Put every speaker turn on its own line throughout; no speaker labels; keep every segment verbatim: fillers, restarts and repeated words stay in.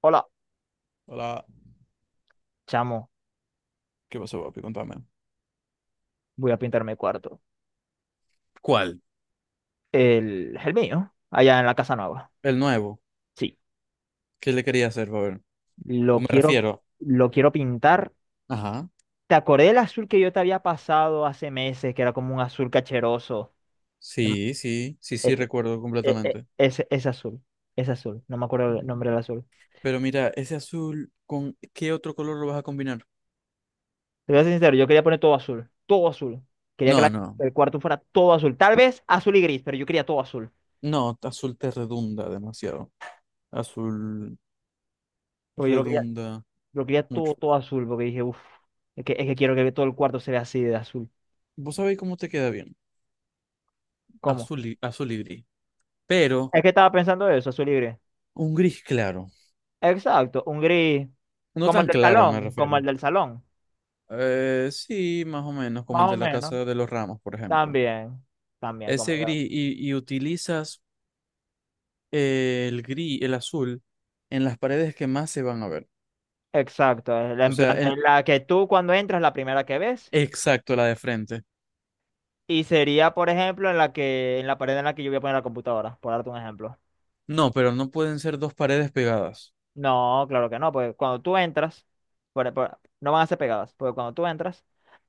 Hola,
Hola,
chamo,
¿qué pasó, papi? Contame.
voy a pintar mi cuarto.
¿Cuál?
El, el mío, allá en la casa nueva.
El nuevo,
Sí,
¿qué le quería hacer, ver? O
lo
me
quiero,
refiero.
lo quiero pintar.
Ajá.
¿Te acordé del azul que yo te había pasado hace meses, que era como un azul cacheroso? No me-
Sí, sí, sí, sí,
Ese,
recuerdo
e- e-
completamente.
ese, ese azul, ese azul, no me acuerdo el
Mm.
nombre del azul.
Pero mira, ese azul, ¿con qué otro color lo vas a combinar?
Te voy a ser sincero, yo quería poner todo azul, todo azul. Quería que
No,
la-
no,
el cuarto fuera todo azul, tal vez azul y gris, pero yo quería todo azul.
no, azul te redunda demasiado. Azul
Porque yo lo quería,
redunda
lo quería
mucho.
todo, todo azul, porque dije, uff, es que, es que quiero que todo el cuarto se vea así de azul.
Vos sabéis cómo te queda bien.
¿Cómo?
Azul y, azul y gris. Pero
Es que estaba pensando eso, su libre.
un gris claro.
Exacto, un gris.
No
Como el
tan
del
claro, me
salón, como
refiero.
el del salón.
Eh, sí, más o menos, como el
Más o
de la
menos.
casa de los Ramos, por ejemplo.
También, también como
Ese
el... del-
gris y, y utilizas eh, el gris, el azul, en las paredes que más se van a ver.
Exacto, es la-
O
en
sea,
plan
el,
en la que tú cuando entras la primera que ves
exacto, la de frente.
y sería, por ejemplo, en la que en la pared en la que yo voy a poner la computadora, por darte un ejemplo.
No, pero no pueden ser dos paredes pegadas.
No, claro que no, porque cuando tú entras, por- por- no van a ser pegadas, porque cuando tú entras,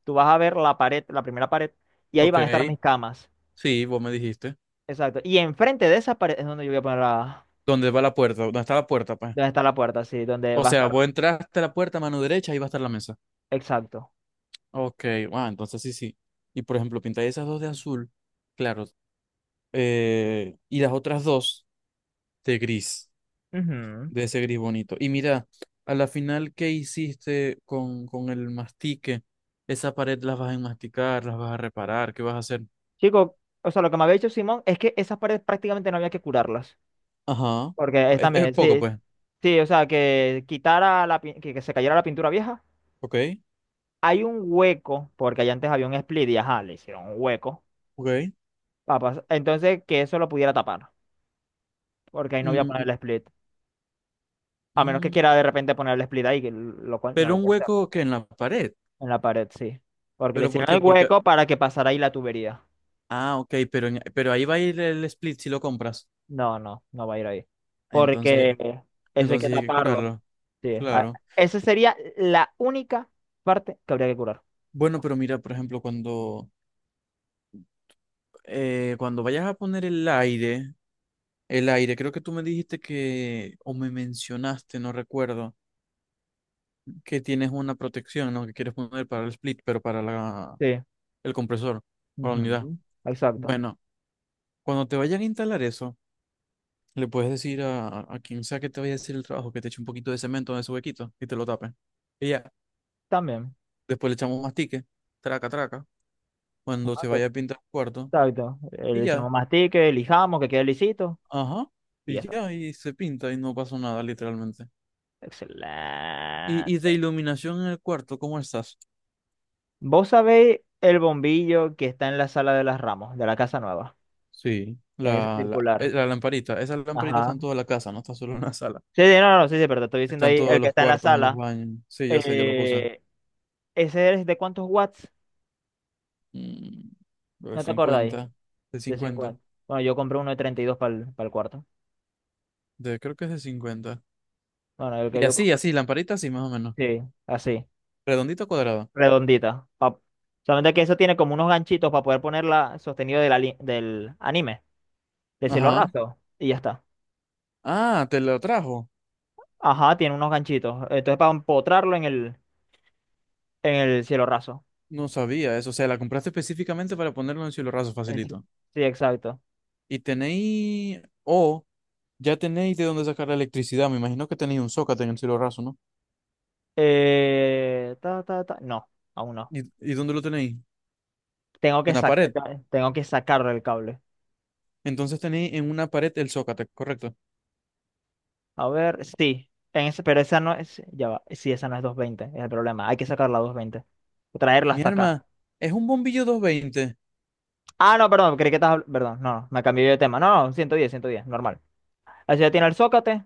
tú vas a ver la pared, la primera pared y ahí
Ok,
van a estar mis camas.
sí, vos me dijiste.
Exacto, y enfrente de esa pared es donde yo voy a poner la
¿Dónde va la puerta? ¿Dónde está la puerta, pues?
dónde está la puerta, sí, donde
O
va a
sea,
estar.
vos entraste a la puerta, mano derecha, ahí va a estar la mesa.
Exacto.
Ok, wow, entonces sí, sí. Y por ejemplo, pintáis esas dos de azul, claro, eh, y las otras dos de gris.
Ujú.
De ese gris bonito. Y mira, a la final, ¿qué hiciste con, con el mastique? Esa pared las vas a enmasticar, las vas a reparar, ¿qué vas a hacer?
Chico, o sea, lo que me había dicho Simón es que esas paredes prácticamente no había que curarlas.
Ajá.
Porque es
Es, es
también,
poco,
sí,
pues.
sí, o sea, que quitara la, pin- que, que se cayera la pintura vieja.
Ok,
Hay un hueco, porque allá antes había un split y ajá, le hicieron un hueco.
ok.
Papas. Entonces, que eso lo pudiera tapar. Porque ahí no voy a poner
Mm,
el split. A menos que
mm.
quiera de repente poner el split ahí, que lo cual no
Pero
lo
un
puede hacer.
hueco que en la pared.
En la pared, sí. Porque le
¿Pero por
hicieron
qué?
el
Porque.
hueco para que pasara ahí la tubería.
Ah, ok, pero, en- pero ahí va a ir el split si lo compras.
No, no, no va a ir ahí.
Entonces,
Porque eso hay que
entonces hay que
taparlo.
curarlo.
Sí. A-
Claro.
esa sería la única parte que habría que curar.
Bueno, pero mira, por ejemplo, cuando, eh, cuando vayas a poner el aire. El aire, creo que tú me dijiste que, o me mencionaste, no recuerdo, que tienes una protección, ¿no? Que quieres poner para el split, pero para la,
Sí.
el compresor, para la unidad.
Ujú. Exacto.
Bueno, cuando te vayan a instalar eso, le puedes decir a, a quien sea que te vaya a hacer el trabajo que te eche un poquito de cemento en ese huequito y te lo tape. Y ya,
También.
después le echamos mastique, traca, traca, cuando se
Ok.
vaya a pintar el cuarto,
Exacto. Eh,
y
Le
ya,
echamos mastique, lijamos, que quede lisito
ajá,
y ya
y
está.
ya, y se pinta y no pasó nada, literalmente. Y, y
Excelente.
de iluminación en el cuarto, ¿cómo estás?
Vos sabéis el bombillo que está en la sala de las Ramos, de la casa nueva.
Sí,
Que Es
la, la, eh,
circular.
la lamparita. Esa lamparita está
Ajá.
en toda la casa, no está solo en la sala.
Sí, sí, no, no, no, sí, sí, pero te estoy diciendo
Está en
ahí el
todos
que
los
está en la
cuartos, en los
sala.
baños. Sí, yo sé, yo la puse.
Eh, ¿ese es de cuántos watts?
Mm, de
¿No te acordáis?
cincuenta, de
De
cincuenta,
cincuenta. Bueno, yo compré uno de treinta y dos para el, cuarto.
de, creo que es de cincuenta.
Bueno, el que
Y
yo
así,
compré,
así, lamparita así, más o menos.
sí, así,
Redondito cuadrado.
redondita. pa- Solamente que eso tiene como unos ganchitos para poder ponerla sostenido de la li- del anime, del cielo
Ajá.
raso. Y ya está.
Ah, te lo trajo.
Ajá, tiene unos ganchitos. Entonces para empotrarlo en el, en el cielo raso.
No sabía eso. O sea, la compraste específicamente para ponerlo en cielo raso,
En ci-
facilito.
Sí, exacto.
Y tenéis, o ya tenéis de dónde sacar la electricidad. Me imagino que tenéis un zócate en el cielo raso, ¿no?
Eh, ta, ta, ta. No, aún no.
¿Y, y dónde lo tenéis?
Tengo que
En la
sac-
pared.
tengo que sacarle el cable.
Entonces tenéis en una pared el zócate, correcto.
A ver, sí, en ese, pero esa no es, ya va, sí, esa no es doscientos veinte es el problema, hay que sacarla a doscientos veinte, o traerla
Mi
hasta acá.
alma es un bombillo doscientos veinte,
Ah, no, perdón, creí que estabas habl- perdón, no, no, me cambié de tema, no, no, ciento diez ciento diez, normal. Así ya tiene el zócate,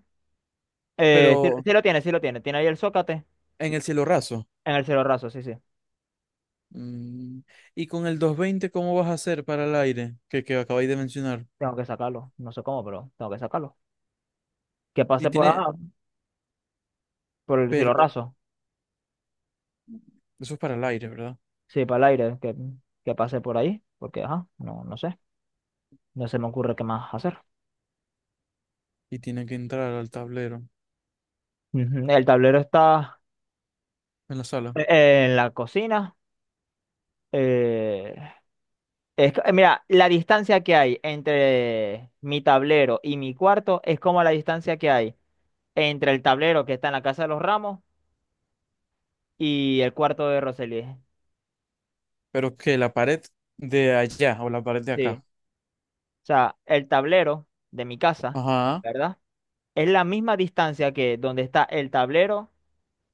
eh, sí,
pero
sí lo tiene, sí lo tiene, tiene ahí el zócate
en el cielo raso.
en el cielo raso, sí, sí,
Mm, Y con el doscientos veinte, ¿cómo vas a hacer para el aire que, que acabáis de mencionar?
tengo que sacarlo, no sé cómo, pero tengo que sacarlo. Que
Y
pase por, ajá,
tiene,
por el cielo
pero
raso,
eso es para el aire, ¿verdad?
sí, para el aire, que, que pase por ahí, porque, ajá, no, no sé, no se me ocurre qué más hacer.
Y tiene que entrar al tablero
Ujú. El tablero está
en la sala.
eh, en la cocina. Eh, es co- eh, mira, la distancia que hay entre mi tablero y mi cuarto es como la distancia que hay entre el tablero que está en la Casa de los Ramos y el cuarto de Roseli.
Pero que la pared de allá o la pared de
Sí.
acá.
O sea, el tablero de mi casa,
Ajá.
¿verdad? Es la misma distancia que donde está el tablero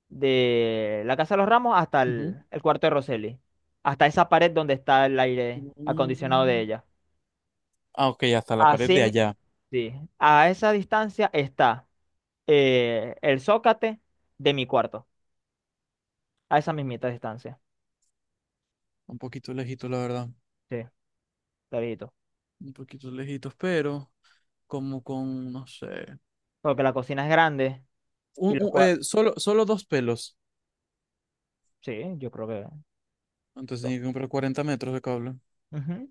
de la Casa de los Ramos hasta
Ujú.
el, el cuarto de Roseli. Hasta esa pared donde está el aire acondicionado de
Mm,
ella.
Ah, ok, hasta la pared
Así,
de
mi-
allá.
sí. A esa distancia está. eh, el zócate de mi cuarto, a esa mismita distancia.
Un poquito lejito, la verdad.
Sí, clarito.
Un poquito lejitos, pero como con, no sé.
Porque la cocina es grande y
un-
los
un- eh,
cuartos.
solo, solo dos pelos.
Sí, yo creo que
Entonces
dos.
tenía que comprar cuarenta metros de cable.
Ujú.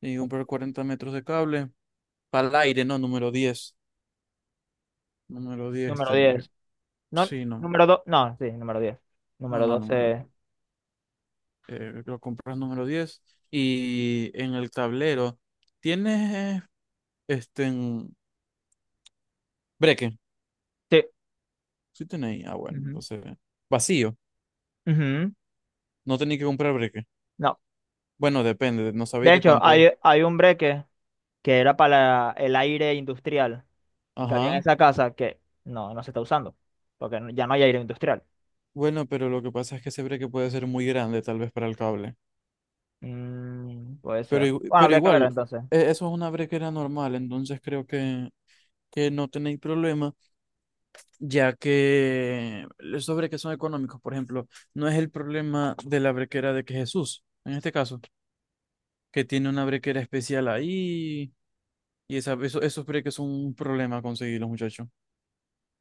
Tenía que comprar cuarenta metros de cable. Para el aire, no, número diez. Número diez
Número
tenía que...
diez. No,
Sí, no,
número dos. No, sí, número diez.
no,
Número
no, número diez.
doce.
Eh, lo compras número diez. Y en el tablero, ¿tienes este en breque?
Sí.
Sí tenéis. Ah, bueno,
Ujú.
entonces... Vacío.
Ujú.
No tenéis que comprar breque.
No.
Bueno, depende, no sabéis
De
de
hecho,
cuánto es.
hay, hay un breque que era para el aire industrial que había en
Ajá.
esa casa que no, no se está usando. Porque no- ya no hay aire industrial.
Bueno, pero lo que pasa es que ese breque puede ser muy grande, tal vez para el cable.
Mm, puede
Pero,
ser.
igu-
Bueno,
pero
habría que ver
igual,
entonces.
e- eso es una brequera normal, entonces creo que, que no tenéis problema, ya que los sobre que son económicos, por ejemplo, no es el problema de la brequera de que Jesús, en este caso, que tiene una brequera especial ahí, y esa, eso, esos breques son un problema conseguirlos, muchachos.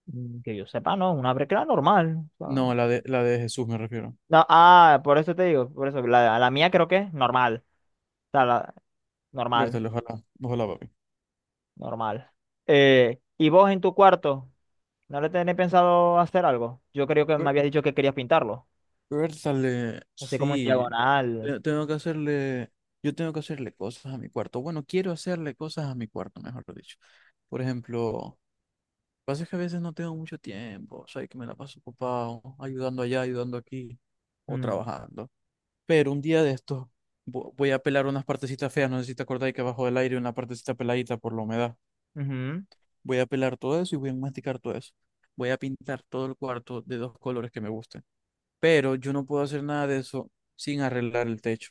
Mm. Que yo sepa, no, una brecla normal. O sea,
No, la de, la de Jesús me refiero.
no, ah, por eso te digo, por eso, la, la mía creo que es normal. O sea, la- normal,
Vértelo, ojalá, ojalá, papi.
normal. Eh, ¿y vos en tu cuarto? ¿No le tenés pensado hacer algo? Yo creo que me habías dicho que querías pintarlo.
Vértale,
Así como en
sí,
diagonal.
te- tengo que hacerle, yo tengo que hacerle cosas a mi cuarto. Bueno, quiero hacerle cosas a mi cuarto, mejor dicho. Por ejemplo, lo que pasa es que a veces no tengo mucho tiempo, o sea, que me la paso ocupado, ayudando allá, ayudando aquí, o
Mm,
trabajando. Pero un día de estos vo- voy a pelar unas partecitas feas, no sé si te acordás que abajo del aire una partecita peladita por la humedad.
ujú,
Voy a pelar todo eso y voy a masticar todo eso. Voy a pintar todo el cuarto de dos colores que me gusten, pero yo no puedo hacer nada de eso sin arreglar el techo,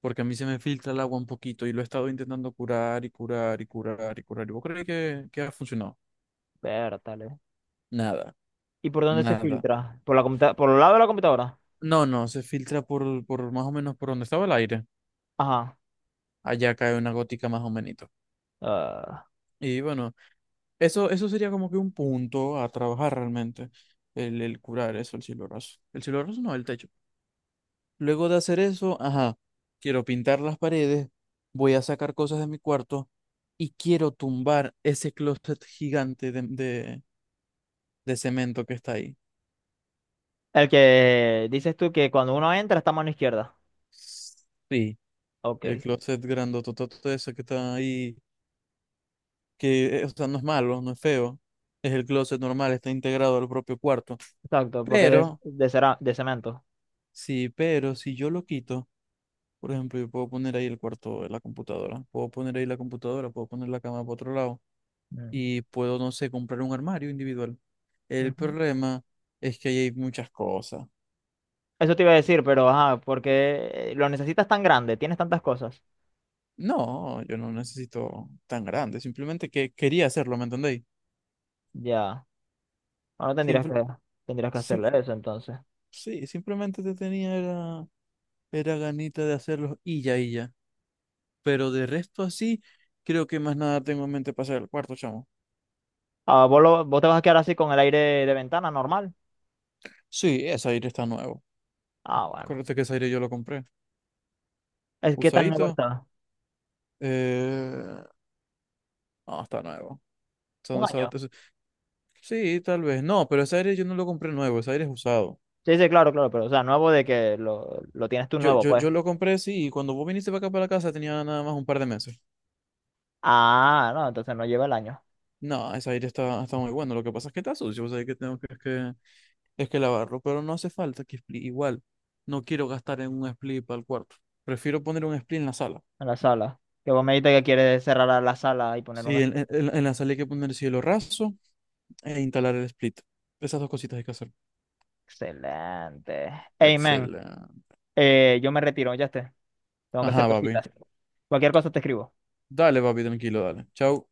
porque a mí se me filtra el agua un poquito y lo he estado intentando curar y curar y curar y curar. ¿Y vos crees que, que ha funcionado?
vértale.
Nada,
¿Y por dónde se
nada.
filtra? ¿Por la computa- ¿por el lado de la computadora?
No, no, se filtra por, por más o menos por donde estaba el aire.
Ajá.
Allá cae una gótica más o menos.
Ah,
Y bueno, eso, eso sería como que un punto a trabajar realmente, el, el curar eso, el cielo raso. El cielo raso no, el techo. Luego de hacer eso, ajá, quiero pintar las paredes, voy a sacar cosas de mi cuarto y quiero tumbar ese closet gigante de, de, de cemento que está ahí.
el que dices tú que cuando uno entra está a mano izquierda.
Sí, el
Ok.
closet grandototote ese que está ahí, que eh, o sea, no es malo, no es feo, es el closet normal, está integrado al propio cuarto.
Exacto, porque es
Pero,
de, cera- de cemento.
sí, pero si yo lo quito, por ejemplo, yo puedo poner ahí el cuarto de la computadora, puedo poner ahí la computadora, puedo poner la cama por otro lado
Mm.
y puedo, no sé, comprar un armario individual. El
Ujú.
problema es que ahí hay muchas cosas.
Eso te iba a decir, pero ajá, porque lo necesitas tan grande, tienes tantas cosas.
No, yo no necesito tan grande, simplemente que quería hacerlo, ¿me entendéis?
Ya, bueno, tendrías
Simple,
que, tendrías que
sim-
hacerle eso entonces.
sí, simplemente te tenía era, era ganita de hacerlo y ya, y ya. Pero de resto así, creo que más nada tengo en mente para hacer el cuarto, chamo.
Ah, ¿vos, lo- ¿vos te vas a quedar así con el aire de ventana normal?
Sí, ese aire está nuevo.
Ah, bueno.
Acuérdate que ese aire yo lo compré.
¿Es que tan nuevo
Usadito,
está?
eh... no, está nuevo. Son
¿Un
de
año?
esos- Sí, tal vez. No, pero ese aire yo no lo compré nuevo, ese aire es usado.
Sí, sí, claro, claro, pero o sea, nuevo de que lo, lo tienes tú
Yo,
nuevo,
yo,
pues.
yo lo compré, sí, y cuando vos viniste para acá para la casa tenía nada más un par de meses.
Ah, no, entonces no lleva el año
No, ese aire está, está muy bueno. Lo que pasa es que está sucio, o sea, que tengo que, es que, es que lavarlo, pero no hace falta que split. Igual, no quiero gastar en un split para el cuarto. Prefiero poner un split en la sala.
en la sala. Que vos me dijiste que quieres cerrar a la sala y poner un...
Sí, en,
espe-
en, en- en la sala hay que poner cielo raso e instalar el split. Esas dos cositas hay que hacer.
Excelente. Amen.
Excelente.
Eh, yo me retiro, ya esté. Tengo que hacer
Ajá, papi.
cositas. Cualquier cosa te escribo.
Dale, papi, tranquilo, dale. Chau.